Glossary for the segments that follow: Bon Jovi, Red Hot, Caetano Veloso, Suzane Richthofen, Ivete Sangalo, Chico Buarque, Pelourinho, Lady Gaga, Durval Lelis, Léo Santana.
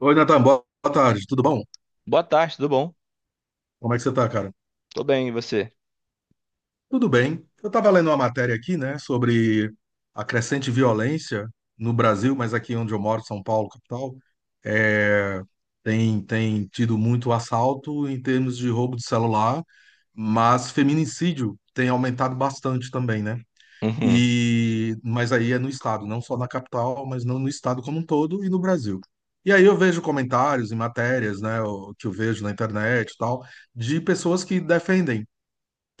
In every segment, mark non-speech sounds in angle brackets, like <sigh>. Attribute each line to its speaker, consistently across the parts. Speaker 1: Oi, Natan, boa tarde, tudo bom?
Speaker 2: Boa tarde, tudo bom?
Speaker 1: Como é que você tá, cara?
Speaker 2: Tô bem, e você?
Speaker 1: Tudo bem. Eu estava lendo uma matéria aqui, né, sobre a crescente violência no Brasil, mas aqui onde eu moro, São Paulo, capital, é, tem, tido muito assalto em termos de roubo de celular, mas feminicídio tem aumentado bastante também, né?
Speaker 2: Uhum,
Speaker 1: E, mas aí é no estado, não só na capital, mas não no estado como um todo e no Brasil. E aí eu vejo comentários e matérias, né, que eu vejo na internet e tal, de pessoas que defendem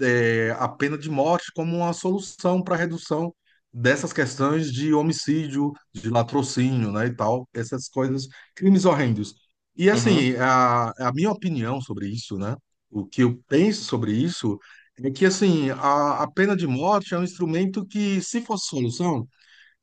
Speaker 1: a pena de morte como uma solução para a redução dessas questões de homicídio, de latrocínio, né, e tal, essas coisas, crimes horrendos. E
Speaker 2: uhum.
Speaker 1: assim, a minha opinião sobre isso, né, o que eu penso sobre isso é que assim, a pena de morte é um instrumento que, se fosse solução,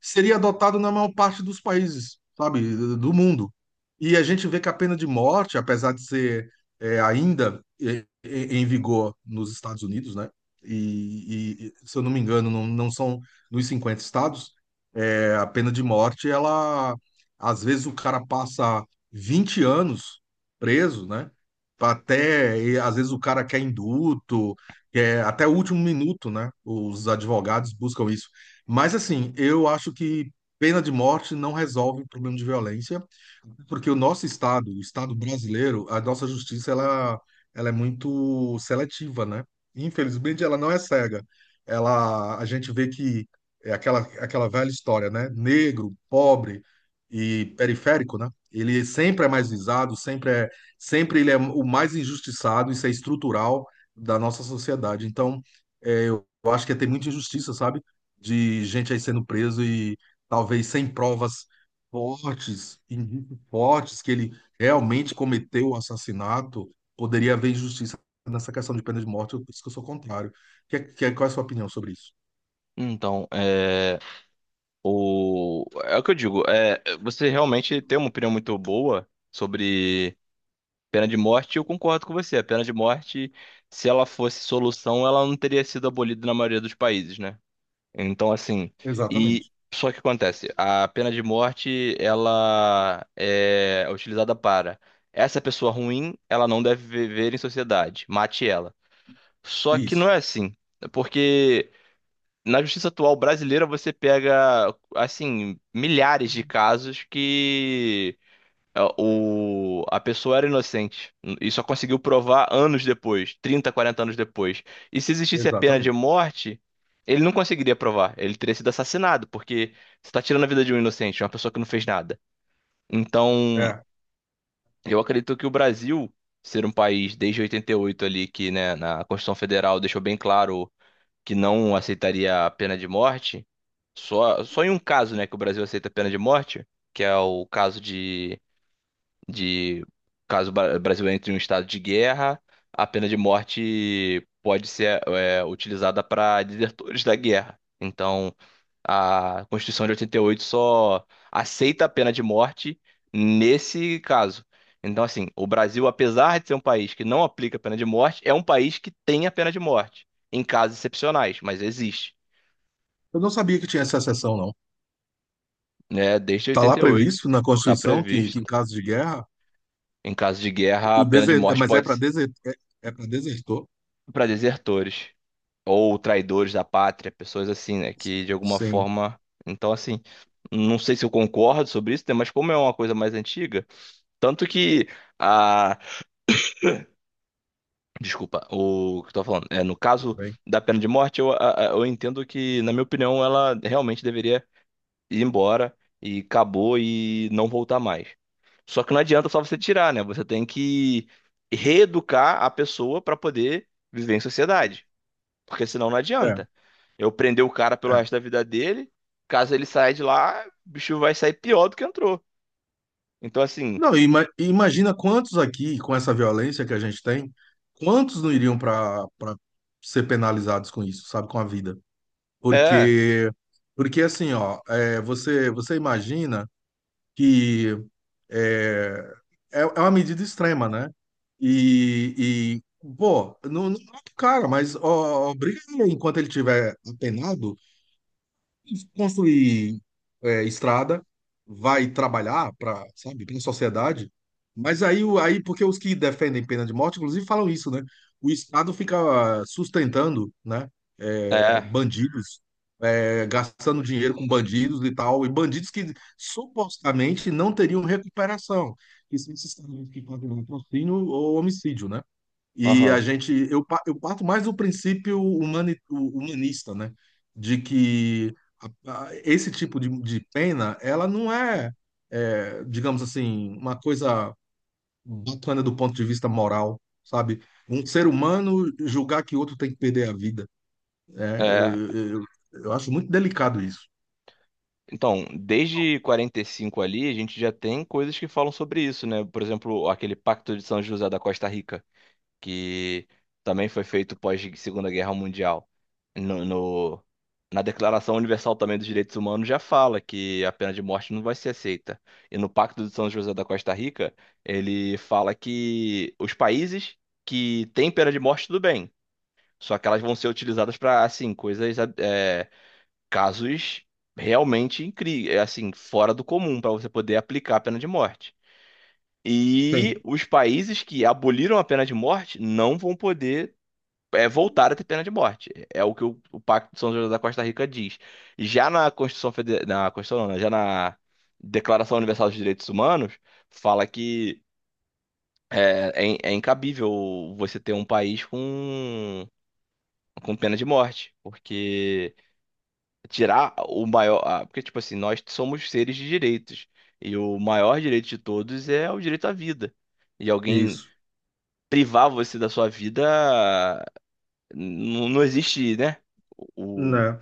Speaker 1: seria adotado na maior parte dos países, sabe, do mundo. E a gente vê que a pena de morte, apesar de ser ainda em vigor nos Estados Unidos, né? E, se eu não me engano, não, não são nos 50 estados, a pena de morte, ela às vezes o cara passa 20 anos preso, né? Até, e às vezes o cara quer indulto, quer até o último minuto, né? Os advogados buscam isso. Mas assim, eu acho que pena de morte não resolve o problema de violência. Porque o nosso estado, o estado brasileiro, a nossa justiça ela é muito seletiva, né? Infelizmente, ela não é cega. Ela, a gente vê que é aquela, aquela velha história, né? Negro, pobre e periférico, né? Ele sempre é mais visado, sempre é, sempre ele é o mais injustiçado, isso é estrutural da nossa sociedade. Então, eu acho que tem muita injustiça, sabe? De gente aí sendo preso e talvez sem provas fortes, indícios fortes que ele realmente cometeu o assassinato, poderia haver injustiça nessa questão de pena de morte, por isso que eu sou contrário. Qual é a sua opinião sobre isso?
Speaker 2: Então, o que eu digo, você realmente tem uma opinião muito boa sobre pena de morte, e eu concordo com você. A pena de morte, se ela fosse solução, ela não teria sido abolida na maioria dos países, né? Então, assim, e
Speaker 1: Exatamente.
Speaker 2: só que acontece, a pena de morte, ela é utilizada para essa pessoa ruim, ela não deve viver em sociedade, mate ela. Só que não
Speaker 1: Isso,
Speaker 2: é assim. É porque na justiça atual brasileira você pega, assim, milhares de casos que a pessoa era inocente e só conseguiu provar anos depois, 30 40 anos depois. E se existisse a pena de
Speaker 1: exatamente.
Speaker 2: morte, ele não conseguiria provar. Ele teria sido assassinado, porque você está tirando a vida de um inocente, uma pessoa que não fez nada. Então,
Speaker 1: É.
Speaker 2: eu acredito que o Brasil. Ser um país desde 88 ali que, né, na Constituição Federal deixou bem claro que não aceitaria a pena de morte, só em um caso, né, que o Brasil aceita a pena de morte, que é o caso de de caso o Brasil entre em um estado de guerra, a pena de morte pode ser utilizada para desertores da guerra. Então, a Constituição de 88 só aceita a pena de morte nesse caso. Então, assim, o Brasil, apesar de ser um país que não aplica a pena de morte, é um país que tem a pena de morte, em casos excepcionais, mas existe,
Speaker 1: Eu não sabia que tinha essa exceção, não.
Speaker 2: né? Desde
Speaker 1: Está lá
Speaker 2: 88
Speaker 1: previsto na
Speaker 2: está
Speaker 1: Constituição que em
Speaker 2: previsto.
Speaker 1: caso de guerra,
Speaker 2: Em caso de guerra, a
Speaker 1: o
Speaker 2: pena de
Speaker 1: deser...
Speaker 2: morte
Speaker 1: mas é
Speaker 2: pode
Speaker 1: para
Speaker 2: ser
Speaker 1: deser... é, é para desertor.
Speaker 2: para desertores. Ou traidores da pátria, pessoas assim, né? Que de alguma
Speaker 1: Sim,
Speaker 2: forma. Então, assim, não sei se eu concordo sobre isso, né? Mas como é uma coisa mais antiga, tanto que a. Desculpa, o que eu tô falando. É, no
Speaker 1: tudo
Speaker 2: caso
Speaker 1: bem.
Speaker 2: da pena de morte, eu entendo que, na minha opinião, ela realmente deveria ir embora e acabou e não voltar mais. Só que não adianta só você tirar, né? Você tem que reeducar a pessoa para poder viver em sociedade. Porque senão não
Speaker 1: É,
Speaker 2: adianta. Eu prender o cara pelo
Speaker 1: é.
Speaker 2: resto da vida dele, caso ele saia de lá, o bicho vai sair pior do que entrou. Então, assim,
Speaker 1: Não, imagina quantos aqui, com essa violência que a gente tem, quantos não iriam para ser penalizados com isso, sabe, com a vida?
Speaker 2: é,
Speaker 1: Porque porque assim, ó, é, você imagina que é, é uma medida extrema, né? E, e pô, não, não mata o cara, mas ó, obriga ele enquanto ele tiver apenado construir estrada, vai trabalhar para, sabe, para a sociedade. Mas aí, aí, porque os que defendem pena de morte, inclusive, falam isso, né? O Estado fica sustentando, né,
Speaker 2: é,
Speaker 1: bandidos, gastando dinheiro com bandidos e tal, e bandidos que supostamente não teriam recuperação, que são esses caras que pagam patrocínio ou homicídio, né? E a
Speaker 2: aham,
Speaker 1: gente, eu, eu parto mais do princípio humanista, né? De que esse tipo de pena, ela não é, é, digamos assim, uma coisa bacana do ponto de vista moral, sabe? Um ser humano julgar que outro tem que perder a vida. Né? eu,
Speaker 2: é.
Speaker 1: eu, eu eu acho muito delicado isso.
Speaker 2: Então, desde 45 ali, a gente já tem coisas que falam sobre isso, né? Por exemplo, aquele Pacto de São José da Costa Rica. Que também foi feito pós Segunda Guerra Mundial. No, no- Na Declaração Universal também dos Direitos Humanos já fala que a pena de morte não vai ser aceita. E no Pacto de São José da Costa Rica, ele fala que os países que têm pena de morte, tudo bem. Só que elas vão ser utilizadas para, assim, coisas, casos realmente incríveis, assim, fora do comum para você poder aplicar a pena de morte. E
Speaker 1: Tem,
Speaker 2: os países que aboliram a pena de morte não vão poder voltar a ter pena de morte. É o que o Pacto de São José da Costa Rica diz. Já na Constituição Federal, na Constituição, não, né? Já na Declaração Universal dos Direitos Humanos, fala que incabível você ter um país com pena de morte, porque tirar o maior, porque tipo assim, nós somos seres de direitos e o maior direito de todos é o direito à vida. E alguém
Speaker 1: isso.
Speaker 2: privar você da sua vida, não existe, né?
Speaker 1: Né?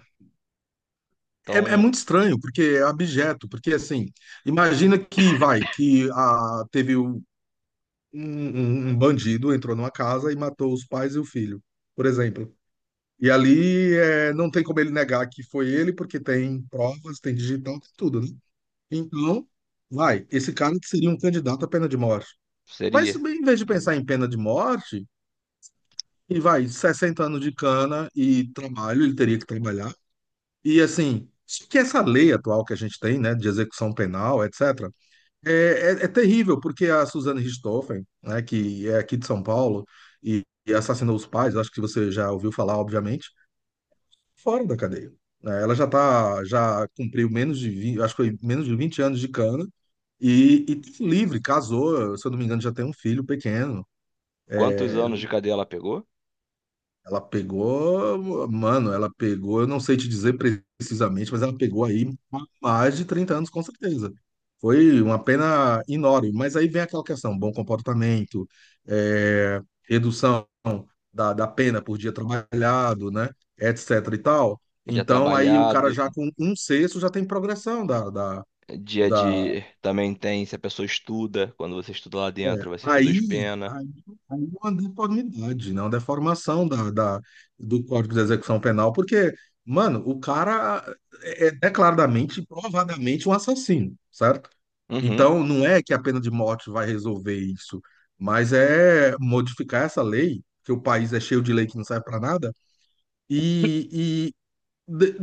Speaker 1: É, é
Speaker 2: Então,
Speaker 1: muito estranho, porque é abjeto, porque assim, imagina que vai, que a, teve um, um bandido entrou numa casa e matou os pais e o filho, por exemplo. E ali é, não tem como ele negar que foi ele, porque tem provas, tem digital, tem tudo, né? Então, vai, esse cara que seria um candidato à pena de morte. Mas
Speaker 2: seria
Speaker 1: em vez de pensar em pena de morte, e vai, 60 anos de cana e trabalho, ele teria que trabalhar. E assim, só que essa lei atual que a gente tem, né, de execução penal, etc., é, é terrível, porque a Suzane Richthofen, né, que é aqui de São Paulo e assassinou os pais, acho que você já ouviu falar, obviamente, fora da cadeia. Né? Ela já tá, já cumpriu menos de 20, acho que foi menos de 20 anos de cana e livre, casou, se eu não me engano, já tem um filho pequeno.
Speaker 2: quantos anos de cadeia ela pegou?
Speaker 1: Ela pegou, mano, ela pegou, eu não sei te dizer precisamente, mas ela pegou aí mais de 30 anos, com certeza. Foi uma pena enorme. Mas aí vem aquela questão: bom comportamento, redução da pena por dia trabalhado, né? Etc e tal.
Speaker 2: Dia
Speaker 1: Então aí o cara
Speaker 2: trabalhado,
Speaker 1: já com um sexto já tem progressão
Speaker 2: dia
Speaker 1: da,
Speaker 2: de. Também tem, se a pessoa estuda, quando você estuda lá
Speaker 1: é,
Speaker 2: dentro, você reduz pena.
Speaker 1: Aí, aí é uma deformidade, né? Uma deformação do Código de Execução Penal, porque, mano, o cara é declaradamente, provadamente um assassino, certo?
Speaker 2: Uhum.
Speaker 1: Então, não é que a pena de morte vai resolver isso, mas é modificar essa lei, que o país é cheio de lei que não serve para nada, e de-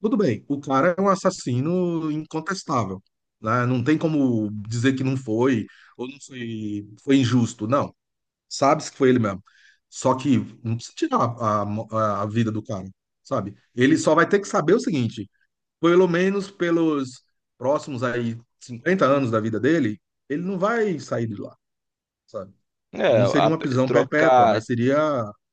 Speaker 1: tudo bem, o cara é um assassino incontestável, né? Não tem como dizer que não foi, ou não foi, foi injusto, não. Sabe-se que foi ele mesmo. Só que não precisa tirar a vida do cara, sabe? Ele só vai ter que saber o seguinte, pelo menos pelos próximos aí 50 anos da vida dele, ele não vai sair de lá, sabe?
Speaker 2: É,
Speaker 1: Não seria
Speaker 2: a-
Speaker 1: uma prisão perpétua,
Speaker 2: trocar,
Speaker 1: mas seria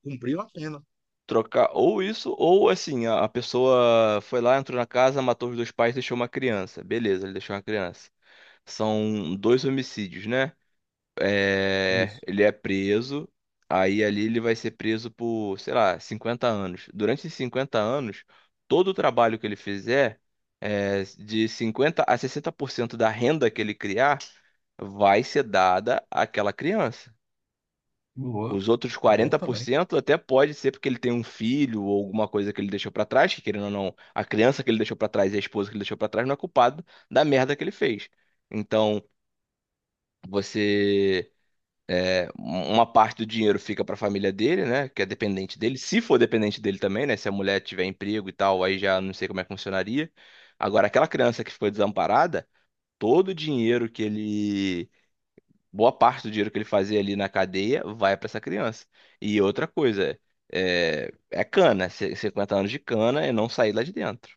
Speaker 1: cumprir uma pena.
Speaker 2: trocar ou isso, ou assim, a pessoa foi lá, entrou na casa, matou os dois pais, deixou uma criança. Beleza, ele deixou uma criança. São dois homicídios, né? É,
Speaker 1: Isso.
Speaker 2: ele é preso, aí ali ele vai ser preso por, sei lá, 50 anos. Durante esses 50 anos, todo o trabalho que ele fizer, de 50% a 60% da renda que ele criar, vai ser dada àquela criança.
Speaker 1: Boa.
Speaker 2: Os outros
Speaker 1: Bom
Speaker 2: quarenta por
Speaker 1: também.
Speaker 2: cento até pode ser porque ele tem um filho ou alguma coisa que ele deixou pra trás, que querendo ou não, a criança que ele deixou pra trás e a esposa que ele deixou pra trás não é culpado da merda que ele fez. Então, você uma parte do dinheiro fica para a família dele, né? Que é dependente dele. Se for dependente dele também, né? Se a mulher tiver emprego e tal, aí já não sei como é que funcionaria. Agora, aquela criança que ficou desamparada, todo o dinheiro que ele. Boa parte do dinheiro que ele fazia ali na cadeia vai para essa criança. E outra coisa, 50 anos de cana e não sair lá de dentro.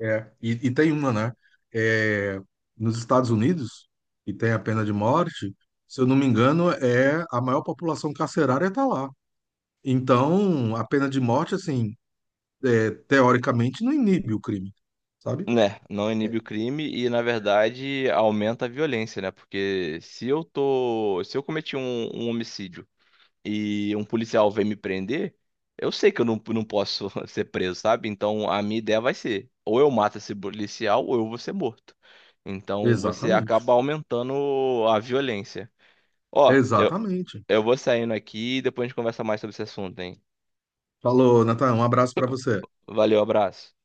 Speaker 1: É, e tem uma, né? É, nos Estados Unidos, que tem a pena de morte, se eu não me engano, é a maior população carcerária está lá. Então, a pena de morte, assim, teoricamente, não inibe o crime, sabe?
Speaker 2: Né, não inibe o crime e, na verdade, aumenta a violência, né? Porque se eu cometi um homicídio e um policial vem me prender, eu sei que eu não posso <laughs> ser preso, sabe? Então a minha ideia vai ser: ou eu mato esse policial, ou eu vou ser morto. Então você
Speaker 1: Exatamente.
Speaker 2: acaba aumentando a violência. Ó, eu,
Speaker 1: Exatamente.
Speaker 2: eu vou saindo aqui e depois a gente conversa mais sobre esse assunto, hein?
Speaker 1: Falou, Natan, um abraço para você.
Speaker 2: Valeu, abraço.